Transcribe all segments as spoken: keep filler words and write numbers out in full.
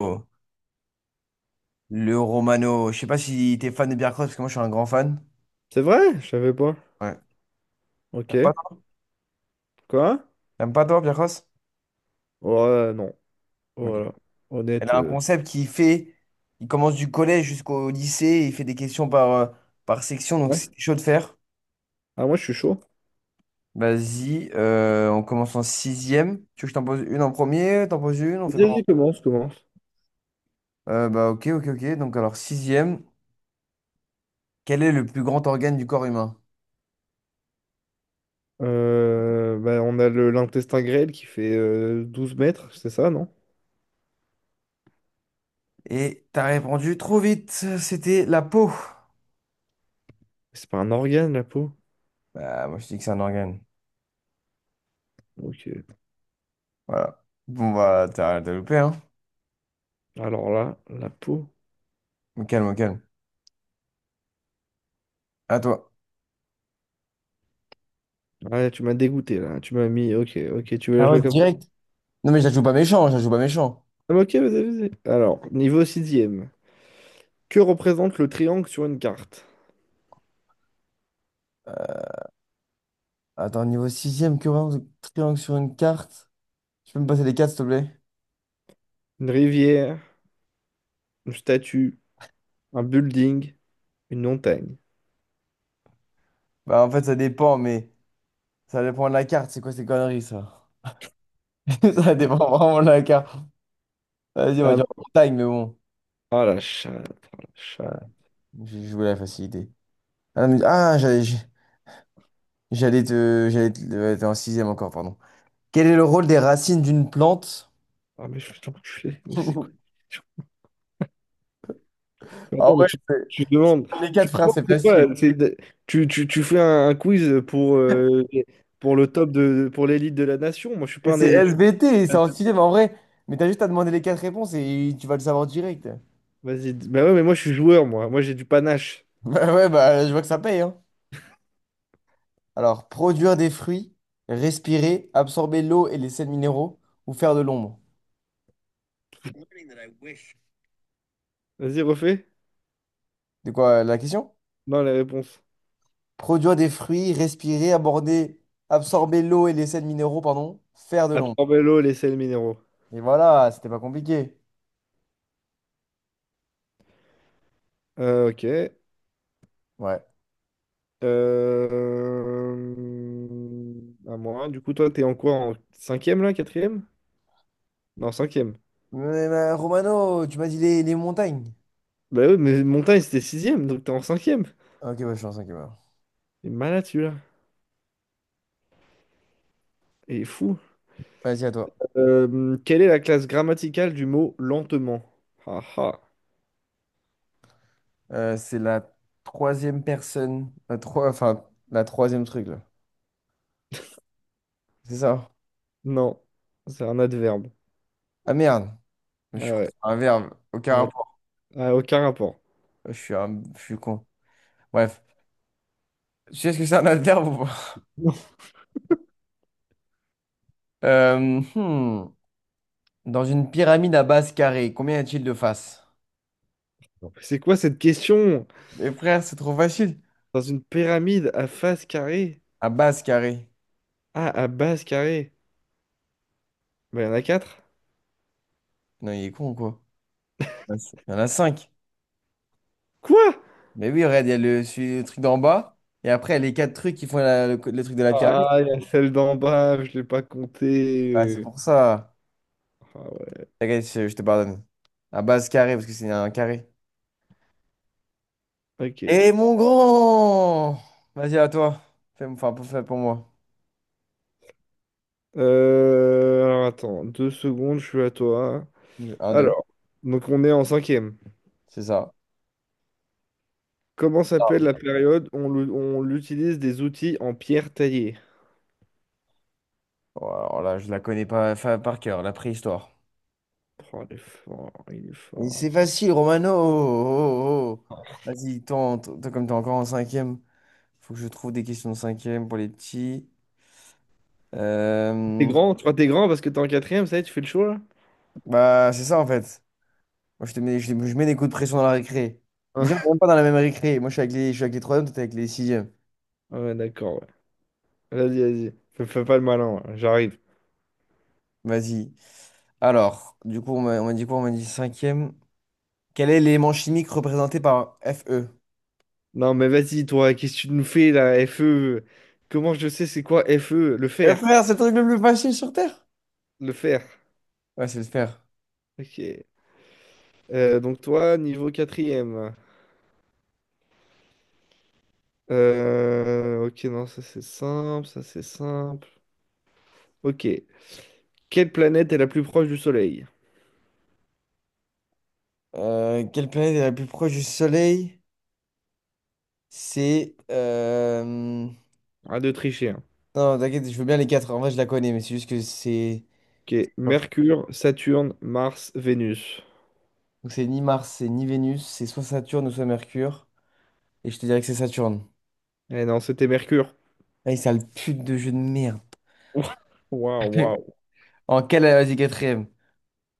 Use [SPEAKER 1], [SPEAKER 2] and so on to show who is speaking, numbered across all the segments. [SPEAKER 1] Oh. Le Romano. Je sais pas si t'es fan de Biarcross, parce que moi, je suis un grand fan.
[SPEAKER 2] C'est vrai? Je savais pas.
[SPEAKER 1] Ouais.
[SPEAKER 2] Ok.
[SPEAKER 1] T'aimes pas, toi?
[SPEAKER 2] Quoi?
[SPEAKER 1] T'aimes pas, toi, Biarcross?
[SPEAKER 2] Ouais, non.
[SPEAKER 1] Ok.
[SPEAKER 2] Voilà.
[SPEAKER 1] Elle
[SPEAKER 2] Honnête.
[SPEAKER 1] a un
[SPEAKER 2] euh,
[SPEAKER 1] concept qui fait... Il commence du collège jusqu'au lycée, et il fait des questions par, euh, par section, donc
[SPEAKER 2] Ouais.
[SPEAKER 1] c'est chaud de faire.
[SPEAKER 2] Ah, moi, je suis chaud.
[SPEAKER 1] Vas-y, euh, on commence en sixième. Tu veux que je t'en pose une en premier? T'en poses une? On
[SPEAKER 2] Vas-y,
[SPEAKER 1] fait
[SPEAKER 2] vas-y,
[SPEAKER 1] comment?
[SPEAKER 2] commence, commence.
[SPEAKER 1] Euh, bah ok, ok, ok. Donc alors sixième, quel est le plus grand organe du corps humain?
[SPEAKER 2] Euh, bah, on a le l'intestin grêle qui fait euh, douze mètres, c'est ça, non?
[SPEAKER 1] Et t'as répondu trop vite, c'était la peau.
[SPEAKER 2] C'est pas un organe, la peau?
[SPEAKER 1] Bah moi je dis que c'est un organe.
[SPEAKER 2] Ok.
[SPEAKER 1] Voilà. Bon, bah, t'as t'as loupé, hein?
[SPEAKER 2] Alors là, la peau.
[SPEAKER 1] Au calme, au calme. À toi.
[SPEAKER 2] Ouais, tu m'as dégoûté, là. Tu m'as mis... Ok, ok, tu veux la
[SPEAKER 1] Ah ouais,
[SPEAKER 2] jouer comme...
[SPEAKER 1] direct. Non, mais je la joue pas méchant, je la joue pas méchant.
[SPEAKER 2] Ah, mais ok, vas-y, vas-y. Alors, niveau sixième. Que représente le triangle sur une carte?
[SPEAKER 1] Attends, niveau sixième ème triangle triangle sur une carte. Tu peux me passer les cartes, s'il te plaît?
[SPEAKER 2] Une rivière, une statue, un building, une montagne.
[SPEAKER 1] Bah, en fait, ça dépend, mais ça dépend de la carte. C'est quoi ces conneries, ça? Ça dépend vraiment de la carte. Vas-y, on va dire montagne, mais bon.
[SPEAKER 2] Ah la chatte, ah la
[SPEAKER 1] Voilà.
[SPEAKER 2] chatte.
[SPEAKER 1] J'ai joué la facilité. Ah, mais- ah, j'allais j'ai- j'allais te. J'allais te. Ouais, t'es en sixième encore, pardon. Quel est le rôle des racines d'une plante?
[SPEAKER 2] Ah mais je vais t'enculer, mais c'est quoi? Je-
[SPEAKER 1] Ah
[SPEAKER 2] Attends, mais
[SPEAKER 1] ouais,
[SPEAKER 2] tu,
[SPEAKER 1] c'est-
[SPEAKER 2] tu demandes,
[SPEAKER 1] les
[SPEAKER 2] tu
[SPEAKER 1] quatre frères,
[SPEAKER 2] demandes,
[SPEAKER 1] c'est
[SPEAKER 2] c'est
[SPEAKER 1] facile.
[SPEAKER 2] quoi? C'est de- Tu, tu, tu fais un, un quiz pour, euh, pour le top de, pour l'élite de la nation. Moi, je suis
[SPEAKER 1] Et
[SPEAKER 2] pas un
[SPEAKER 1] c'est
[SPEAKER 2] élite.
[SPEAKER 1] S B T, c'est en sixième en vrai. Mais t'as juste à demander les quatre réponses et tu vas le savoir direct.
[SPEAKER 2] Vas-y, d- bah ouais, mais moi, je suis joueur, moi. Moi, j'ai du panache.
[SPEAKER 1] Bah ouais, bah je vois que ça paye, hein. Alors, produire des fruits, respirer, absorber l'eau et les sels minéraux ou faire de l'ombre.
[SPEAKER 2] Vas-y, refais.
[SPEAKER 1] C'est quoi euh, la question?
[SPEAKER 2] Non, les réponses.
[SPEAKER 1] Produire des fruits, respirer, aborder, absorber l'eau et les sels minéraux, pardon, faire de l'ombre.
[SPEAKER 2] Absorber l'eau, les sels minéraux.
[SPEAKER 1] Et voilà, c'était pas compliqué.
[SPEAKER 2] Euh, ok.
[SPEAKER 1] Ouais.
[SPEAKER 2] Euh... À moi. Du coup, toi, t'es en quoi? En cinquième, là? Quatrième? Non, cinquième.
[SPEAKER 1] Mais, mais, Romano, tu m'as dit les, les montagnes.
[SPEAKER 2] Bah oui, mais Montagne, c'était sixième, donc t'es en cinquième.
[SPEAKER 1] Ok, bonne chance, ok, bah.
[SPEAKER 2] T'es malade, celui-là. Et fou.
[SPEAKER 1] Vas-y, à toi.
[SPEAKER 2] Euh, quelle est la classe grammaticale du mot lentement? Ah ah.
[SPEAKER 1] Euh, c'est la troisième personne. La trois, enfin, la troisième truc, là. C'est ça?
[SPEAKER 2] Non, c'est un adverbe.
[SPEAKER 1] Ah merde. Je
[SPEAKER 2] Ah
[SPEAKER 1] suis con.
[SPEAKER 2] ouais.
[SPEAKER 1] C'est un verbe. Aucun
[SPEAKER 2] Ah,
[SPEAKER 1] rapport.
[SPEAKER 2] ah, aucun rapport.
[SPEAKER 1] Je suis un... je suis con. Bref. Tu sais ce que c'est un adverbe ou pas?
[SPEAKER 2] Non.
[SPEAKER 1] Euh, hmm. Dans une pyramide à base carrée, combien y a-t-il de faces?
[SPEAKER 2] C'est quoi cette question?
[SPEAKER 1] Mais frère, c'est trop facile.
[SPEAKER 2] Dans une pyramide à face carrée?
[SPEAKER 1] À base carrée.
[SPEAKER 2] Ah, à base carrée. Bah, il y en a quatre.
[SPEAKER 1] Non, il est con, quoi. Il y en a cinq.
[SPEAKER 2] Quoi?
[SPEAKER 1] Mais oui, regarde, il y a le, celui- le truc d'en bas. Et après, les quatre trucs qui font la- le, le truc de la pyramide.
[SPEAKER 2] Ah, il y a celle d'en bas, je l'ai pas
[SPEAKER 1] Ouais, c'est
[SPEAKER 2] comptée.
[SPEAKER 1] pour ça.
[SPEAKER 2] Ah ouais,
[SPEAKER 1] T'inquiète, je, je te pardonne. À base carré, parce que c'est un carré.
[SPEAKER 2] ok.
[SPEAKER 1] Et mon grand! Vas-y, à toi. Fais, enfin, pour, fais pour moi.
[SPEAKER 2] Euh, alors attends, deux secondes, je suis à toi.
[SPEAKER 1] Un, deux.
[SPEAKER 2] Alors, donc on est en cinquième.
[SPEAKER 1] C'est ça.
[SPEAKER 2] Comment s'appelle la
[SPEAKER 1] Ah.
[SPEAKER 2] période où on l'u- on l'utilise des outils en pierre taillée?
[SPEAKER 1] Bon, alors là, je la connais pas fa- par cœur, la préhistoire.
[SPEAKER 2] Oh, il est fort, il est
[SPEAKER 1] Et
[SPEAKER 2] fort.
[SPEAKER 1] c'est facile, Romano. Oh, oh, oh. Oh. Vas-y, toi, en- toi, comme t'es encore en cinquième, faut que je trouve des questions de cinquième pour les petits.
[SPEAKER 2] T'es
[SPEAKER 1] Euh,
[SPEAKER 2] grand, tu vois, t'es grand parce que t'es en quatrième, ça y est, tu fais le show là?
[SPEAKER 1] Bah, c'est ça en fait. Moi, je te mets, je, je mets des coups de pression dans la récré.
[SPEAKER 2] Hein.
[SPEAKER 1] Déjà, on n'est même pas dans la même récré. Moi, je suis avec les, je suis avec les troisièmes, toi, t'es avec les sixièmes.
[SPEAKER 2] Ah ouais, d'accord, ouais. Vas-y, vas-y. Fais, fais pas le malin, hein, j'arrive.
[SPEAKER 1] Vas-y. Alors, du coup, on m'a on m'a dit quoi? On m'a dit cinquième. Quel est l'élément chimique représenté par Fe?
[SPEAKER 2] Non, mais vas-y, toi, qu'est-ce que tu nous fais là, F E? Comment je sais c'est quoi F E? Le
[SPEAKER 1] Eh
[SPEAKER 2] fer.
[SPEAKER 1] frère, c'est le truc le plus facile sur Terre?
[SPEAKER 2] Le fer.
[SPEAKER 1] Ouais, c'est le fer.
[SPEAKER 2] Ok. Euh, donc toi, niveau quatrième. Euh, ok, non, ça c'est simple, ça c'est simple. Ok. Quelle planète est la plus proche du Soleil?
[SPEAKER 1] Euh, quelle planète est la plus proche du Soleil? C'est... euh, Non,
[SPEAKER 2] À de tricher, hein.
[SPEAKER 1] t'inquiète, je veux bien les quatre. En vrai, je la connais, mais c'est juste que c'est...
[SPEAKER 2] Ok. Mercure, Saturne, Mars, Vénus.
[SPEAKER 1] Donc c'est ni Mars, c'est ni Vénus, c'est soit Saturne ou soit Mercure. Et je te dirais que c'est Saturne.
[SPEAKER 2] Eh non, c'était Mercure.
[SPEAKER 1] Ah, ça le pute de jeu de merde.
[SPEAKER 2] Ouah, waouh, waouh.
[SPEAKER 1] En quelle... Vas-y, quatrième.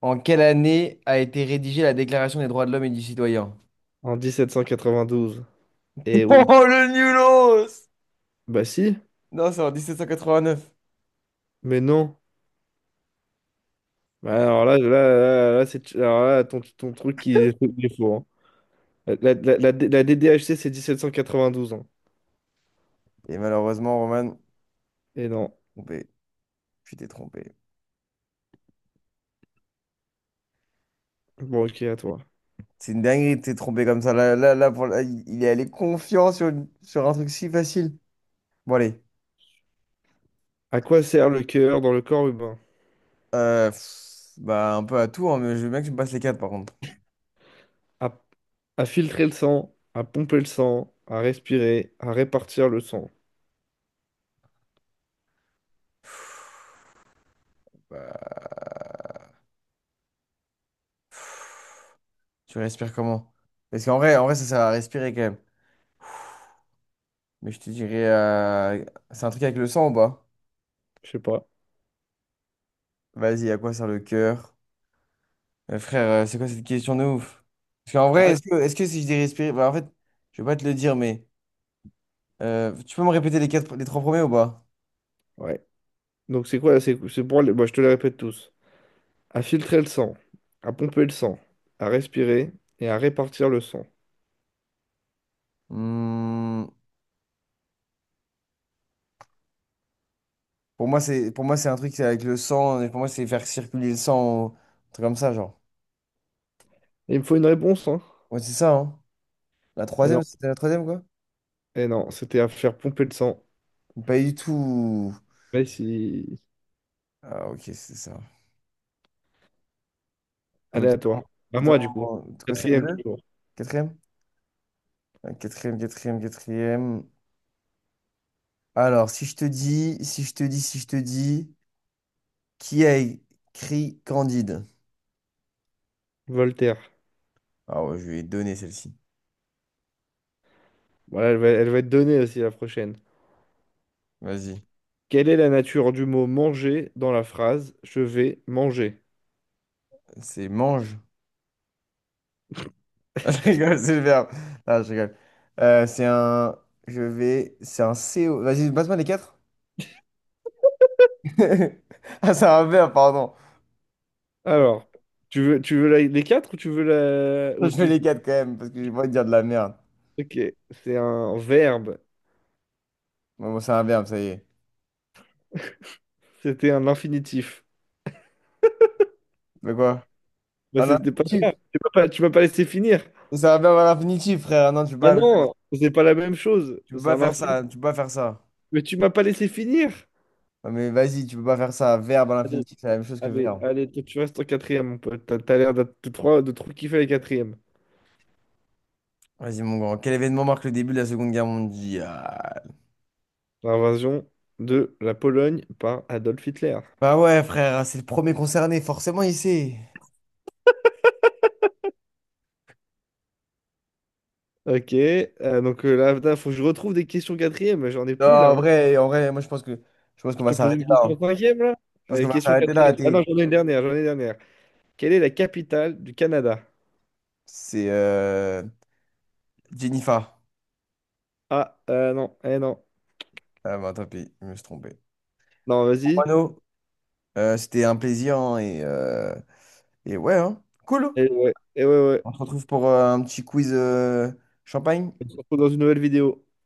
[SPEAKER 1] En quelle année a été rédigée la Déclaration des droits de l'homme et du citoyen?
[SPEAKER 2] En mille sept cent quatre-vingt douze. Eh oui.
[SPEAKER 1] Oh, le nulos!
[SPEAKER 2] Bah si,
[SPEAKER 1] Non, c'est en mille sept cent quatre-vingt-neuf.
[SPEAKER 2] mais non. Bah alors là, là, là, là, c'est... alors là, ton, ton truc, il est, il est faux, hein. La, la, la, la D D H C, c'est mille sept cent quatre-vingt douze. Hein.
[SPEAKER 1] Et malheureusement, Roman,
[SPEAKER 2] Et non.
[SPEAKER 1] trompé. Tu t'es trompé.
[SPEAKER 2] Bon, ok, à toi.
[SPEAKER 1] C'est une dinguerie de t'es trompé comme ça. Là, là, là, pour- là, il il est allé confiant sur, une- sur un truc si facile. Bon, allez.
[SPEAKER 2] À quoi sert le cœur dans le corps humain?
[SPEAKER 1] Euh, pff, bah, un peu à tout, hein, mais je veux bien que tu me passes les quatre, par contre.
[SPEAKER 2] À, à filtrer le sang, à pomper le sang, à respirer, à répartir le sang.
[SPEAKER 1] Bah, tu respires comment? Parce qu'en vrai, en vrai, ça sert à respirer quand même. Mais je te dirais... euh, c'est un truc avec le sang ou pas?
[SPEAKER 2] Je sais pas.
[SPEAKER 1] Vas-y, à quoi sert le cœur? Euh, frère, euh, c'est quoi cette question de ouf? Parce qu'en
[SPEAKER 2] Ah,
[SPEAKER 1] vrai,
[SPEAKER 2] ouais.
[SPEAKER 1] est-ce que, est-ce que si je dis respirer... Bah, en fait, je vais pas te le dire, mais euh, tu peux me répéter les quatre, les trois premiers ou pas?
[SPEAKER 2] Ouais. Donc c'est quoi? C'est c'est pour les... bah, je te les répète tous. À filtrer le sang, à pomper le sang, à respirer et à répartir le sang.
[SPEAKER 1] Hmm, pour moi, c'est, pour moi, c'est un truc c'est avec le sang. Et pour moi, c'est faire circuler le sang, ou un truc comme ça, genre.
[SPEAKER 2] Il me faut une réponse, hein?
[SPEAKER 1] Ouais, c'est ça, hein? La
[SPEAKER 2] Et non,
[SPEAKER 1] troisième, c'était la troisième, quoi?
[SPEAKER 2] et non, c'était à faire pomper le sang.
[SPEAKER 1] Pas du tout.
[SPEAKER 2] Mais si...
[SPEAKER 1] Ah, ok, c'est ça. Mais
[SPEAKER 2] Allez à toi.
[SPEAKER 1] Dans,
[SPEAKER 2] À moi du coup.
[SPEAKER 1] dans- c'est quoi, c'est
[SPEAKER 2] Quatrième
[SPEAKER 1] M deux?
[SPEAKER 2] tour.
[SPEAKER 1] Quatrième? Euh, Quatrième, quatrième, quatrième. Alors, si je te dis, si je te dis, si je te dis. Qui a écrit Candide?
[SPEAKER 2] Voltaire.
[SPEAKER 1] Ah ouais, je lui ai donné celle-ci.
[SPEAKER 2] Voilà, elle va, elle va être donnée aussi la prochaine.
[SPEAKER 1] Vas-y.
[SPEAKER 2] Quelle est la nature du mot manger dans la phrase je vais manger?
[SPEAKER 1] C'est mange. Non, je rigole, c'est le verbe. Non, je rigole. Euh, c'est un. Je vais. C'est un C O. Vas-y, passe-moi les quatre. Ah, c'est un verbe, pardon.
[SPEAKER 2] Alors, tu veux, tu veux la- les quatre ou tu veux la...
[SPEAKER 1] Je
[SPEAKER 2] ou
[SPEAKER 1] fais
[SPEAKER 2] tu-
[SPEAKER 1] les quatre quand même, parce que j'ai pas envie de dire de la merde.
[SPEAKER 2] Ok, c'est un verbe.
[SPEAKER 1] Bon, bon, c'est un verbe, ça y est.
[SPEAKER 2] C'était un infinitif.
[SPEAKER 1] Mais quoi?
[SPEAKER 2] Bah,
[SPEAKER 1] Ah, un
[SPEAKER 2] c'était pas ça.
[SPEAKER 1] infinitif.
[SPEAKER 2] Tu m'as pas, tu m'as pas laissé finir.
[SPEAKER 1] C'est un verbe à l'infinitif, frère. Non, tu peux
[SPEAKER 2] Ah
[SPEAKER 1] pas,
[SPEAKER 2] non, c'est pas la même chose.
[SPEAKER 1] tu peux
[SPEAKER 2] C'est
[SPEAKER 1] pas
[SPEAKER 2] un
[SPEAKER 1] faire
[SPEAKER 2] infinitif.
[SPEAKER 1] ça. Tu peux pas faire ça.
[SPEAKER 2] Mais tu m'as pas laissé finir.
[SPEAKER 1] Non, mais vas-y, tu peux pas faire ça. Verbe à
[SPEAKER 2] Allez,
[SPEAKER 1] l'infinitif, c'est la même chose que
[SPEAKER 2] allez,
[SPEAKER 1] verbe.
[SPEAKER 2] allez, toi, tu restes en quatrième, mon pote. T'as, t'as l'air de, de, trop, de trop kiffer les quatrièmes.
[SPEAKER 1] Vas-y, mon grand. Quel événement marque le début de la Seconde Guerre mondiale?
[SPEAKER 2] L'invasion de la Pologne par Adolf Hitler.
[SPEAKER 1] Bah ouais, frère, hein, c'est le premier concerné, forcément, il sait.
[SPEAKER 2] Ok, euh, donc euh, là, il faut que je retrouve des questions quatrième. J'en ai
[SPEAKER 1] Non,
[SPEAKER 2] plus là,
[SPEAKER 1] en
[SPEAKER 2] hein.
[SPEAKER 1] vrai, en vrai, moi, je pense que, je pense qu'on
[SPEAKER 2] Je
[SPEAKER 1] va
[SPEAKER 2] te pose
[SPEAKER 1] s'arrêter
[SPEAKER 2] une
[SPEAKER 1] là.
[SPEAKER 2] question
[SPEAKER 1] Hein.
[SPEAKER 2] cinquième, là?
[SPEAKER 1] Je pense qu'on
[SPEAKER 2] Allez,
[SPEAKER 1] va
[SPEAKER 2] question
[SPEAKER 1] s'arrêter là.
[SPEAKER 2] quatrième. Ah non,
[SPEAKER 1] T'es-
[SPEAKER 2] j'en ai une dernière, j'en ai une dernière. Quelle est la capitale du Canada?
[SPEAKER 1] C'est euh, Jennifer.
[SPEAKER 2] Ah, euh, non, eh non.
[SPEAKER 1] Ah bah, tant pis, je me suis trompé.
[SPEAKER 2] Non, vas-y.
[SPEAKER 1] Mano, euh, c'était un plaisir hein, et, euh, et ouais, hein. Cool.
[SPEAKER 2] Eh ouais, eh ouais, ouais.
[SPEAKER 1] On se retrouve pour euh, un petit quiz euh, champagne.
[SPEAKER 2] On se retrouve dans une nouvelle vidéo.